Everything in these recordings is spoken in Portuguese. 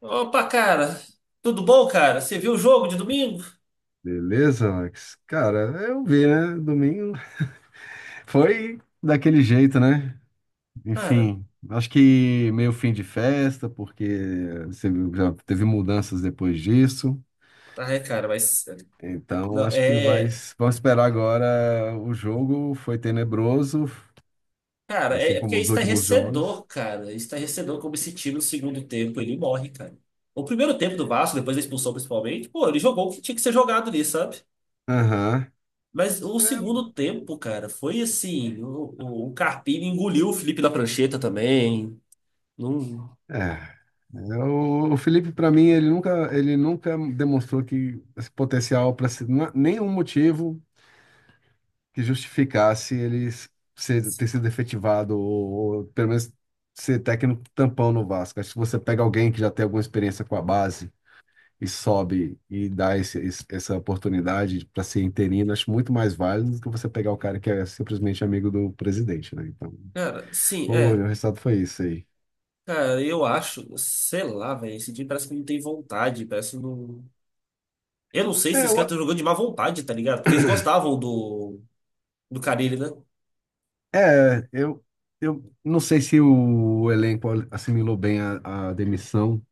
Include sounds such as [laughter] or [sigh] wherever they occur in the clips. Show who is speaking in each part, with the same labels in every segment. Speaker 1: Opa, cara, tudo bom, cara? Você viu o jogo de domingo?
Speaker 2: Beleza, Alex? Cara, eu vi, né? Domingo [laughs] foi daquele jeito, né?
Speaker 1: Cara,
Speaker 2: Enfim, acho que meio fim de festa, porque você viu, já teve mudanças depois disso.
Speaker 1: ai, cara, mas.
Speaker 2: Então,
Speaker 1: Não,
Speaker 2: acho que
Speaker 1: é.
Speaker 2: vamos esperar agora. O jogo foi tenebroso,
Speaker 1: Cara, é,
Speaker 2: assim
Speaker 1: é porque
Speaker 2: como
Speaker 1: é
Speaker 2: os últimos jogos.
Speaker 1: estarrecedor, cara. É estarrecedor como esse time no segundo tempo ele morre, cara. O primeiro tempo do Vasco, depois da expulsão principalmente, pô, ele jogou o que tinha que ser jogado ali, sabe?
Speaker 2: Aham.
Speaker 1: Mas o
Speaker 2: É,
Speaker 1: segundo tempo, cara, foi assim: o Carpini engoliu o Felipe da prancheta também. Não.
Speaker 2: é. É, o Felipe, para mim, ele nunca demonstrou que esse potencial para ser nenhum motivo que justificasse ele ter sido efetivado ou pelo menos ser técnico tampão no Vasco. Acho que se você pega alguém que já tem alguma experiência com a base e sobe e dá essa oportunidade para ser interino, acho muito mais válido do que você pegar o cara que é simplesmente amigo do presidente, né? Então,
Speaker 1: Cara, sim,
Speaker 2: olha,
Speaker 1: é.
Speaker 2: o resultado foi isso aí.
Speaker 1: Cara, eu acho, sei lá, velho, esse time parece que não tem vontade, parece que não. Eu não sei se
Speaker 2: É,
Speaker 1: os
Speaker 2: eu,
Speaker 1: caras estão jogando de má vontade, tá ligado? Porque eles gostavam do Carille, né?
Speaker 2: é, eu, eu não sei se o elenco assimilou bem a demissão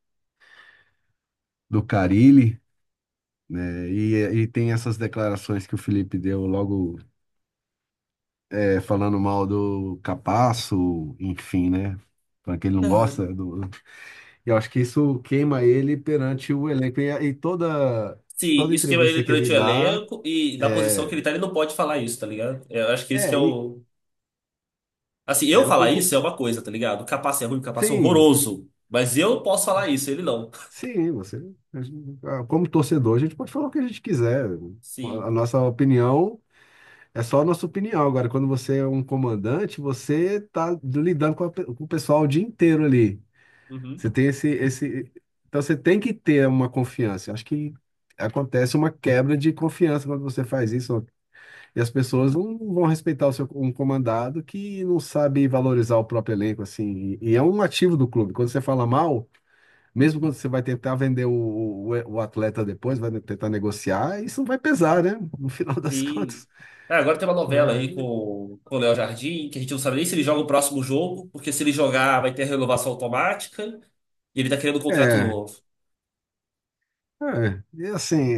Speaker 2: do Carille, né? E tem essas declarações que o Felipe deu logo falando mal do Capasso, enfim, né? Falando que ele não gosta do. E eu acho que isso queima ele perante o elenco. E toda,
Speaker 1: Se
Speaker 2: toda
Speaker 1: isso queima ele
Speaker 2: entrevista que ele
Speaker 1: durante o
Speaker 2: dá
Speaker 1: elenco e na posição que
Speaker 2: é.
Speaker 1: ele tá, ele não pode falar isso, tá ligado? Eu acho que esse que é
Speaker 2: É,
Speaker 1: o. Assim, eu
Speaker 2: é o-
Speaker 1: falar
Speaker 2: o-
Speaker 1: isso é uma coisa, tá ligado? O Capace é ruim, o Capace é
Speaker 2: sim,
Speaker 1: horroroso. Mas eu posso falar isso, ele não.
Speaker 2: sim, você. Como torcedor, a gente pode falar o que a gente quiser. A
Speaker 1: Sim.
Speaker 2: a nossa opinião. É só a nossa opinião. Agora, quando você é um comandante, você está lidando com o pessoal o dia inteiro ali.
Speaker 1: Uhum.
Speaker 2: Você tem esse, esse. Então, você tem que ter uma confiança. Eu acho que acontece uma quebra de confiança quando você faz isso. E as pessoas não vão respeitar um comandado que não sabe valorizar o próprio elenco, assim. E é um ativo do clube. Quando você fala mal, mesmo quando você vai tentar vender o atleta depois, vai tentar negociar, isso vai pesar, né? No final das [laughs]
Speaker 1: Sim.
Speaker 2: contas.
Speaker 1: Ah, agora tem uma novela aí
Speaker 2: É.
Speaker 1: com o Léo Jardim, que a gente não sabe nem se ele joga o próximo jogo, porque se ele jogar vai ter a renovação automática e ele tá querendo um contrato
Speaker 2: É,
Speaker 1: novo.
Speaker 2: é, e assim,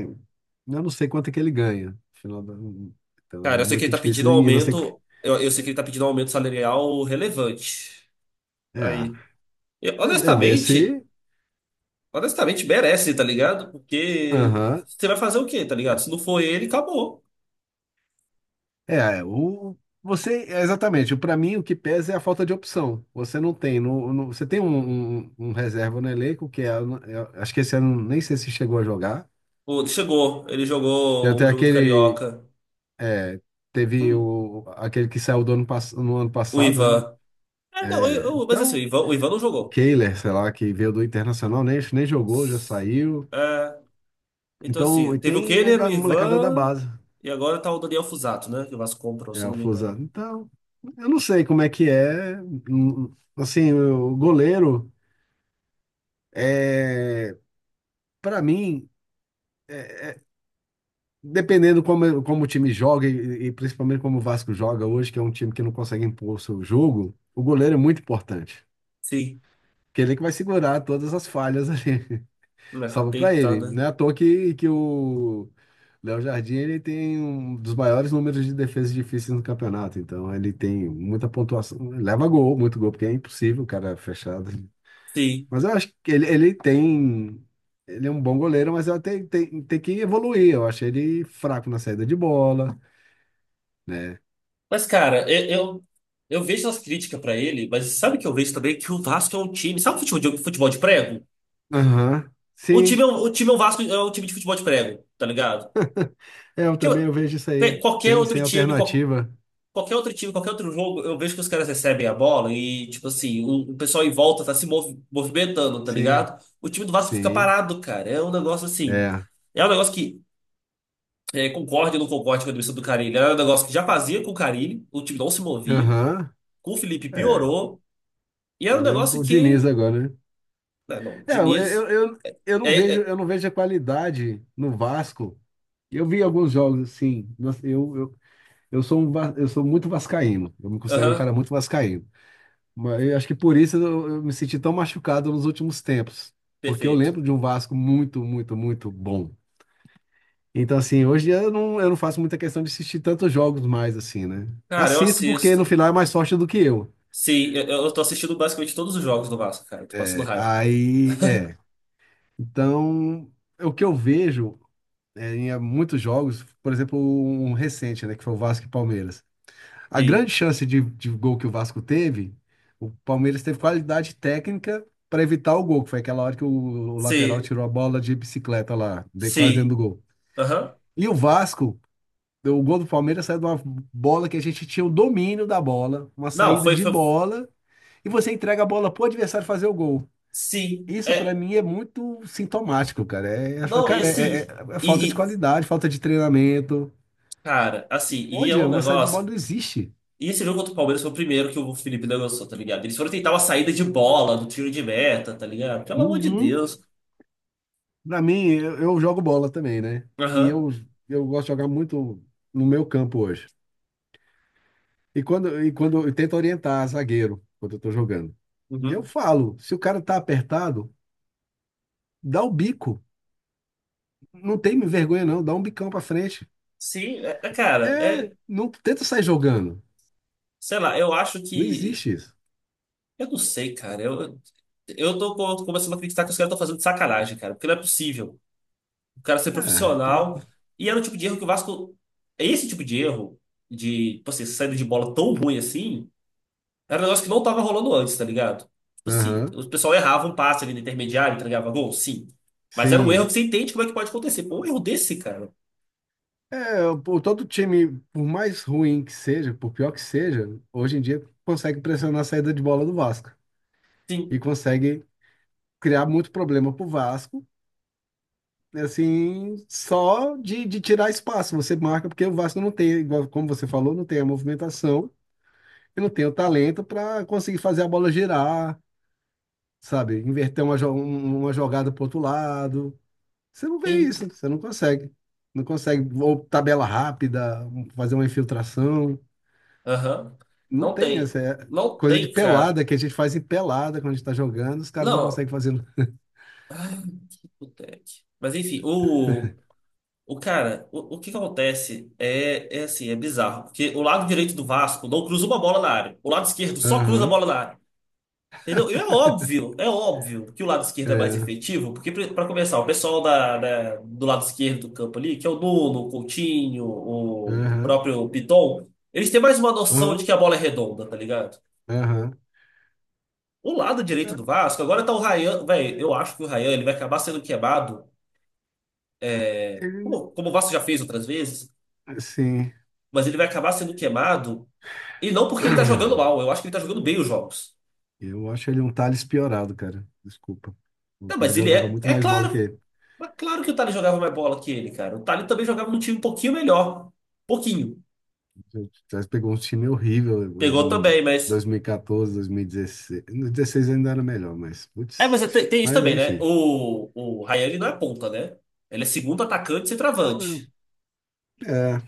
Speaker 2: eu não sei quanto é que ele ganha. Afinal, então é
Speaker 1: Cara, eu sei que ele
Speaker 2: muito
Speaker 1: tá
Speaker 2: difícil
Speaker 1: pedindo um
Speaker 2: nem ir. Não sei.
Speaker 1: aumento. Eu sei que ele tá pedindo um aumento salarial relevante.
Speaker 2: É,
Speaker 1: Aí. Eu,
Speaker 2: é ver
Speaker 1: honestamente,
Speaker 2: se.
Speaker 1: honestamente, merece, tá ligado? Porque
Speaker 2: Aham.
Speaker 1: você vai fazer o quê, tá ligado? Se não for ele, acabou.
Speaker 2: É, exatamente, para mim o que pesa é a falta de opção. Você não tem, você tem um, um reserva no elenco, que é, eu acho que esse ano nem sei se chegou a jogar.
Speaker 1: Pô, chegou, ele
Speaker 2: Já
Speaker 1: jogou o
Speaker 2: tem
Speaker 1: jogo do
Speaker 2: aquele,
Speaker 1: Carioca.
Speaker 2: é, teve
Speaker 1: Hum,
Speaker 2: aquele que saiu do no ano
Speaker 1: o
Speaker 2: passado, né?
Speaker 1: Ivan. É, não,
Speaker 2: É,
Speaker 1: mas assim, o
Speaker 2: então,
Speaker 1: Ivan, o Ivan não
Speaker 2: o
Speaker 1: jogou.
Speaker 2: Kehler, sei lá, que veio do Internacional, nem jogou, já saiu.
Speaker 1: É, então,
Speaker 2: Então,
Speaker 1: assim,
Speaker 2: e
Speaker 1: teve o
Speaker 2: tem
Speaker 1: Kenner, o
Speaker 2: molecada da
Speaker 1: Ivan,
Speaker 2: base,
Speaker 1: e agora tá o Daniel Fusato, né? Que o Vasco comprou, se
Speaker 2: é
Speaker 1: eu
Speaker 2: o
Speaker 1: não me engano.
Speaker 2: Fusaro. Então, eu não sei como é que é. Assim, o goleiro, é, para mim, é- é- dependendo como o time joga e principalmente como o Vasco joga hoje, que é um time que não consegue impor o seu jogo, o goleiro é muito importante.
Speaker 1: Sim,
Speaker 2: Porque ele é que vai segurar todas as falhas ali.
Speaker 1: né? Não
Speaker 2: Salva para
Speaker 1: tem, tá,
Speaker 2: ele.
Speaker 1: né?
Speaker 2: Não é à toa que o Léo Jardim ele tem um dos maiores números de defesas difíceis no campeonato. Então ele tem muita pontuação. Leva gol, muito gol, porque é impossível o cara fechado.
Speaker 1: Sim.
Speaker 2: Mas eu acho que ele tem. Ele é um bom goleiro, mas ele tem que evoluir. Eu achei ele fraco na saída de bola, né?
Speaker 1: Mas, cara, eu, eu vejo as críticas pra ele, mas sabe que eu vejo também que o Vasco é um time. Sabe o futebol de, prego?
Speaker 2: Aham.
Speaker 1: O time
Speaker 2: Sim.
Speaker 1: é um, o time é um Vasco, é um time de futebol de prego, tá ligado?
Speaker 2: É, Eu
Speaker 1: Que
Speaker 2: também eu vejo isso aí.
Speaker 1: qualquer
Speaker 2: Sem,
Speaker 1: outro
Speaker 2: sem
Speaker 1: time,
Speaker 2: alternativa.
Speaker 1: qualquer outro time, qualquer outro jogo, eu vejo que os caras recebem a bola e, tipo assim, o pessoal em volta tá se movimentando, tá
Speaker 2: Sim,
Speaker 1: ligado? O time do Vasco fica
Speaker 2: sim.
Speaker 1: parado, cara. É um negócio assim.
Speaker 2: É.
Speaker 1: É um negócio que é, concorde ou não concorde com a demissão do Carille. Era um negócio que já fazia com o Carille, o time não se movia.
Speaker 2: Aham.
Speaker 1: Com o Felipe
Speaker 2: É.
Speaker 1: piorou. E era um
Speaker 2: Vê
Speaker 1: negócio
Speaker 2: o
Speaker 1: que.
Speaker 2: Diniz agora, né?
Speaker 1: Não, não,
Speaker 2: É,
Speaker 1: Diniz. É, é,
Speaker 2: eu não vejo a qualidade no Vasco. Eu vi alguns jogos assim, mas eu sou muito vascaíno. Eu me considero um
Speaker 1: aham,
Speaker 2: cara muito vascaíno. Mas eu acho que por isso eu me senti tão machucado nos últimos tempos, porque eu
Speaker 1: perfeito.
Speaker 2: lembro de um Vasco muito, muito, muito bom. Então assim, hoje eu não faço muita questão de assistir tantos jogos mais assim, né?
Speaker 1: Cara, eu
Speaker 2: Assisto porque no
Speaker 1: assisto.
Speaker 2: final é mais sorte do que eu.
Speaker 1: Sim, eu tô assistindo basicamente todos os jogos do Vasco, cara. Tô passando
Speaker 2: É,
Speaker 1: raiva.
Speaker 2: aí, é. Então, o que eu vejo em muitos jogos, por exemplo, um recente, né, que foi o Vasco e Palmeiras. A
Speaker 1: Sim,
Speaker 2: grande chance de gol que o Vasco teve, o Palmeiras teve qualidade técnica para evitar o gol, que foi aquela hora que o lateral
Speaker 1: sim,
Speaker 2: tirou a bola de bicicleta lá, quase dentro do
Speaker 1: sim.
Speaker 2: gol.
Speaker 1: Aham.
Speaker 2: E o Vasco, o gol do Palmeiras saiu de uma bola que a gente tinha o domínio da bola, uma
Speaker 1: Não,
Speaker 2: saída
Speaker 1: foi,
Speaker 2: de
Speaker 1: foi.
Speaker 2: bola, e você entrega a bola pro adversário fazer o gol.
Speaker 1: Sim.
Speaker 2: Isso para
Speaker 1: É,
Speaker 2: mim é muito sintomático, cara. É,
Speaker 1: não, e
Speaker 2: cara,
Speaker 1: assim.
Speaker 2: é falta de
Speaker 1: E,
Speaker 2: qualidade, falta de treinamento.
Speaker 1: cara, assim, e é
Speaker 2: Onde?
Speaker 1: um
Speaker 2: Uma sala de bola
Speaker 1: negócio.
Speaker 2: não existe.
Speaker 1: E esse jogo contra o Palmeiras foi o primeiro que o Felipe negociou, tá ligado? Eles foram tentar uma saída de bola, do tiro de meta, tá ligado? Pelo amor de
Speaker 2: Uhum.
Speaker 1: Deus.
Speaker 2: Pra mim, eu jogo bola também, né? E
Speaker 1: Aham.
Speaker 2: eu, eu gosto de jogar muito no meu campo hoje. E quando eu tento orientar zagueiro quando eu tô jogando. E eu
Speaker 1: Uhum.
Speaker 2: falo, se o cara tá apertado, dá o bico. Não tem vergonha, não. Dá um bicão pra frente.
Speaker 1: Sim, é, cara,
Speaker 2: É,
Speaker 1: é.
Speaker 2: não tenta sair jogando.
Speaker 1: Sei lá, eu acho
Speaker 2: Não
Speaker 1: que
Speaker 2: existe isso.
Speaker 1: eu não sei, cara. Eu tô começando a acreditar que os caras estão fazendo de sacanagem, cara. Porque não é possível. O cara ser
Speaker 2: Ah, tomando.
Speaker 1: profissional. E era o tipo de erro que o Vasco. É esse tipo de erro, de, tipo assim, essa saída de bola tão ruim assim, era um negócio que não tava rolando antes, tá ligado? Tipo assim,
Speaker 2: Aham.
Speaker 1: o pessoal errava um passe ali no intermediário, entregava gol, sim. Mas era um erro
Speaker 2: Sim.
Speaker 1: que você entende como é que pode acontecer. Pô, um erro desse, cara.
Speaker 2: É, o todo time, por mais ruim que seja, por pior que seja, hoje em dia consegue pressionar a saída de bola do Vasco e
Speaker 1: Sim,
Speaker 2: consegue criar muito problema pro Vasco, assim, só de tirar espaço. Você marca porque o Vasco não tem, igual como você falou, não tem a movimentação e não tem o talento para conseguir fazer a bola girar, sabe? Inverter uma jogada pro outro lado. Você não vê
Speaker 1: sim.
Speaker 2: isso, você não consegue. Não consegue, ou tabela rápida, fazer uma infiltração.
Speaker 1: Aham.
Speaker 2: Não
Speaker 1: Não
Speaker 2: tem
Speaker 1: tem.
Speaker 2: essa
Speaker 1: Não
Speaker 2: coisa de
Speaker 1: tem, cara.
Speaker 2: pelada que a gente faz em pelada quando a gente tá jogando, os caras não
Speaker 1: Não.
Speaker 2: conseguem fazer.
Speaker 1: Não tem. Mas enfim, o. O cara, o que acontece é, assim, é bizarro. Porque o lado direito do Vasco não cruza uma bola na área. O lado esquerdo só cruza a
Speaker 2: Aham,
Speaker 1: bola na área. Entendeu? E é óbvio que o lado esquerdo é mais
Speaker 2: é,
Speaker 1: efetivo, porque para começar, o pessoal da, do lado esquerdo do campo ali, que é o Nuno, o Coutinho, o
Speaker 2: aham,
Speaker 1: próprio Piton, eles têm mais uma noção de
Speaker 2: aham,
Speaker 1: que a bola é redonda, tá ligado?
Speaker 2: aham.
Speaker 1: O lado direito
Speaker 2: É,
Speaker 1: do Vasco, agora tá o Rayan, velho, eu acho que o Rayan ele vai acabar sendo queimado, é,
Speaker 2: Ele,
Speaker 1: como o Vasco já fez outras vezes,
Speaker 2: assim,
Speaker 1: mas ele vai acabar sendo queimado. E não porque ele tá jogando mal,
Speaker 2: [clears throat]
Speaker 1: eu acho que ele tá jogando bem os jogos.
Speaker 2: eu acho ele um Thales piorado, cara. Desculpa. O
Speaker 1: Não, mas
Speaker 2: Thales
Speaker 1: ele
Speaker 2: jogava
Speaker 1: é.
Speaker 2: muito mais bola que ele.
Speaker 1: É claro que o Tali jogava mais bola que ele, cara. O Tali também jogava num time um pouquinho melhor. Pouquinho.
Speaker 2: O Thales pegou um time horrível
Speaker 1: Pegou
Speaker 2: em
Speaker 1: também, mas.
Speaker 2: 2014, 2016. No 16 ainda era melhor, mas,
Speaker 1: É, mas
Speaker 2: putz,
Speaker 1: tem isso
Speaker 2: mas
Speaker 1: também, né?
Speaker 2: enfim.
Speaker 1: O Ryan ele não é ponta, né? Ele é segundo atacante e
Speaker 2: Cara,
Speaker 1: centroavante.
Speaker 2: é,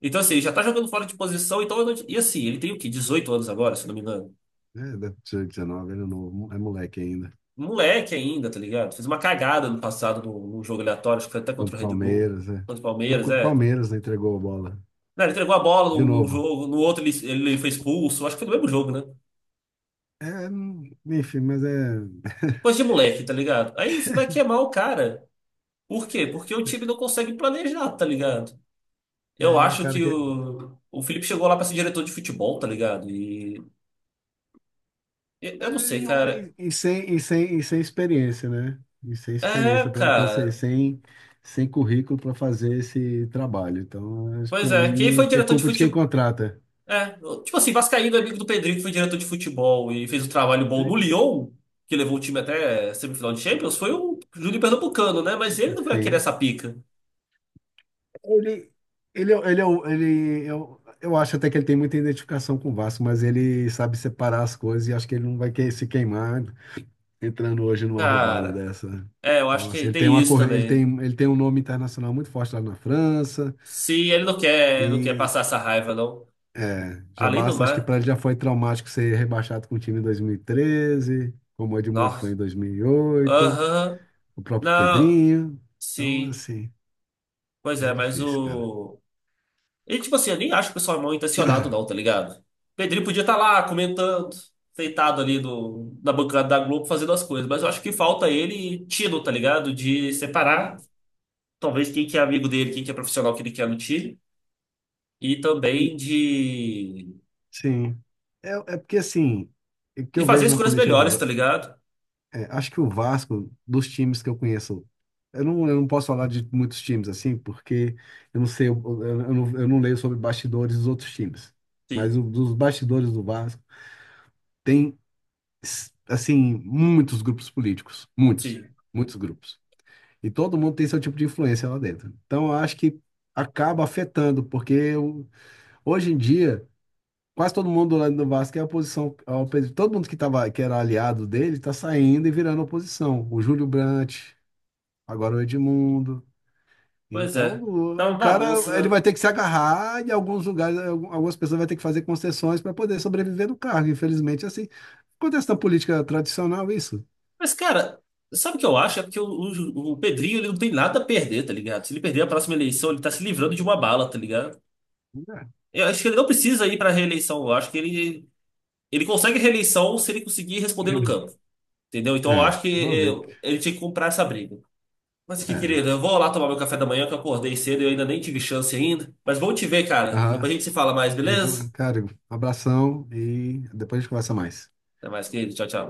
Speaker 1: Então, assim, ele já tá jogando fora de posição, então. Eu não- E assim, ele tem o quê? 18 anos agora, se não me engano.
Speaker 2: é, 19, ele é novo, é moleque ainda.
Speaker 1: Moleque ainda, tá ligado? Fez uma cagada no passado num jogo aleatório, acho que foi até contra
Speaker 2: Contra
Speaker 1: o
Speaker 2: o
Speaker 1: Red Bull,
Speaker 2: Palmeiras, é.
Speaker 1: contra o
Speaker 2: Não,
Speaker 1: Palmeiras,
Speaker 2: contra o
Speaker 1: é.
Speaker 2: Palmeiras, né, entregou a bola.
Speaker 1: Não, ele entregou a bola
Speaker 2: De
Speaker 1: num
Speaker 2: novo.
Speaker 1: jogo, no outro ele foi expulso. Acho que foi no mesmo jogo, né?
Speaker 2: É, enfim, mas é.
Speaker 1: Coisa de moleque, tá ligado? Aí você vai queimar o cara. Por quê? Porque o time não consegue planejar, tá ligado? Eu
Speaker 2: Ele é um
Speaker 1: acho
Speaker 2: cara
Speaker 1: que
Speaker 2: que. É,
Speaker 1: o Felipe chegou lá pra ser diretor de futebol, tá ligado? Eu não
Speaker 2: é,
Speaker 1: sei,
Speaker 2: não,
Speaker 1: cara.
Speaker 2: e sem experiência, né? E sem
Speaker 1: É,
Speaker 2: experiência, para ser.
Speaker 1: cara.
Speaker 2: Sem currículo para fazer esse trabalho. Então,
Speaker 1: Pois
Speaker 2: para
Speaker 1: é, quem foi
Speaker 2: mim, é
Speaker 1: diretor de
Speaker 2: culpa de quem
Speaker 1: futebol?
Speaker 2: contrata.
Speaker 1: É, tipo assim, Vascaíno, é amigo do Pedrinho, que foi diretor de futebol e fez um trabalho bom no
Speaker 2: Tem-
Speaker 1: Lyon, que levou o time até semifinal de Champions, foi o Júnior Pernambucano, né? Mas ele não vai querer
Speaker 2: Sim.
Speaker 1: essa pica.
Speaker 2: Ele, ele, é o- ele Eu acho até que ele tem muita identificação com o Vasco, mas ele sabe separar as coisas e acho que ele não vai querer se queimar entrando hoje numa roubada
Speaker 1: Cara.
Speaker 2: dessa, né?
Speaker 1: É, eu acho
Speaker 2: Então, assim,
Speaker 1: que
Speaker 2: ele tem
Speaker 1: tem isso
Speaker 2: ele tem,
Speaker 1: também.
Speaker 2: um nome internacional muito forte lá na França
Speaker 1: Se ele não quer, não quer
Speaker 2: e
Speaker 1: passar essa raiva, não.
Speaker 2: já
Speaker 1: Além do
Speaker 2: basta, acho que
Speaker 1: mar.
Speaker 2: para ele já foi traumático ser rebaixado com o time em 2013, como o Edmundo foi
Speaker 1: Nossa.
Speaker 2: em 2008,
Speaker 1: Aham.
Speaker 2: o próprio
Speaker 1: Não.
Speaker 2: Pedrinho. Então,
Speaker 1: Sim.
Speaker 2: assim,
Speaker 1: Pois
Speaker 2: é
Speaker 1: é, mas
Speaker 2: difícil, cara.
Speaker 1: o. E tipo assim, eu nem acho que o pessoal é mal intencionado, não, tá ligado? Pedrinho podia estar lá comentando, deitado ali no, na bancada da Globo fazendo as coisas, mas eu acho que falta ele tino, tá ligado? De separar,
Speaker 2: E-
Speaker 1: talvez, quem que é amigo dele, quem que é profissional que ele quer no time, e
Speaker 2: e-
Speaker 1: também de,
Speaker 2: Sim. É, é porque, assim, o que
Speaker 1: de
Speaker 2: eu
Speaker 1: fazer
Speaker 2: vejo na
Speaker 1: escolhas
Speaker 2: política
Speaker 1: melhores,
Speaker 2: do,
Speaker 1: tá ligado?
Speaker 2: É, acho que o Vasco, dos times que eu conheço, eu não posso falar de muitos times assim, porque eu não sei, eu não leio sobre bastidores dos outros times.
Speaker 1: Sim.
Speaker 2: Mas dos bastidores do Vasco, tem, assim, muitos grupos políticos. Muitos.
Speaker 1: Sim.
Speaker 2: Muitos grupos. E todo mundo tem seu tipo de influência lá dentro. Então, eu acho que acaba afetando, porque hoje em dia, quase todo mundo lá do Vasco é oposição ao presidente. Todo mundo que era aliado dele está saindo e virando oposição. O Júlio Brandt. Agora o Edmundo.
Speaker 1: Pois
Speaker 2: Então,
Speaker 1: é, tá
Speaker 2: o
Speaker 1: uma bagunça,
Speaker 2: cara, ele
Speaker 1: né?
Speaker 2: vai ter que se agarrar em alguns lugares, algumas pessoas vão ter que fazer concessões para poder sobreviver no cargo. Infelizmente, é assim, acontece na política tradicional isso.
Speaker 1: Mas, cara, sabe o que eu acho? É porque o Pedrinho ele não tem nada a perder, tá ligado? Se ele perder a próxima eleição, ele tá se livrando de uma bala, tá ligado? Eu acho que ele não precisa ir pra reeleição. Eu acho que ele consegue reeleição se ele conseguir responder no
Speaker 2: É,
Speaker 1: campo, entendeu? Então eu
Speaker 2: é,
Speaker 1: acho que
Speaker 2: vamos ver.
Speaker 1: é, ele tinha que comprar essa briga. Mas que
Speaker 2: É.
Speaker 1: querido, eu vou lá tomar meu café da manhã, que eu acordei cedo e eu ainda nem tive chance ainda. Mas bom te ver, cara. Depois a
Speaker 2: Aham.
Speaker 1: gente se fala mais, beleza?
Speaker 2: Cara, abração e depois a gente conversa mais.
Speaker 1: Até mais, querido. Tchau, tchau.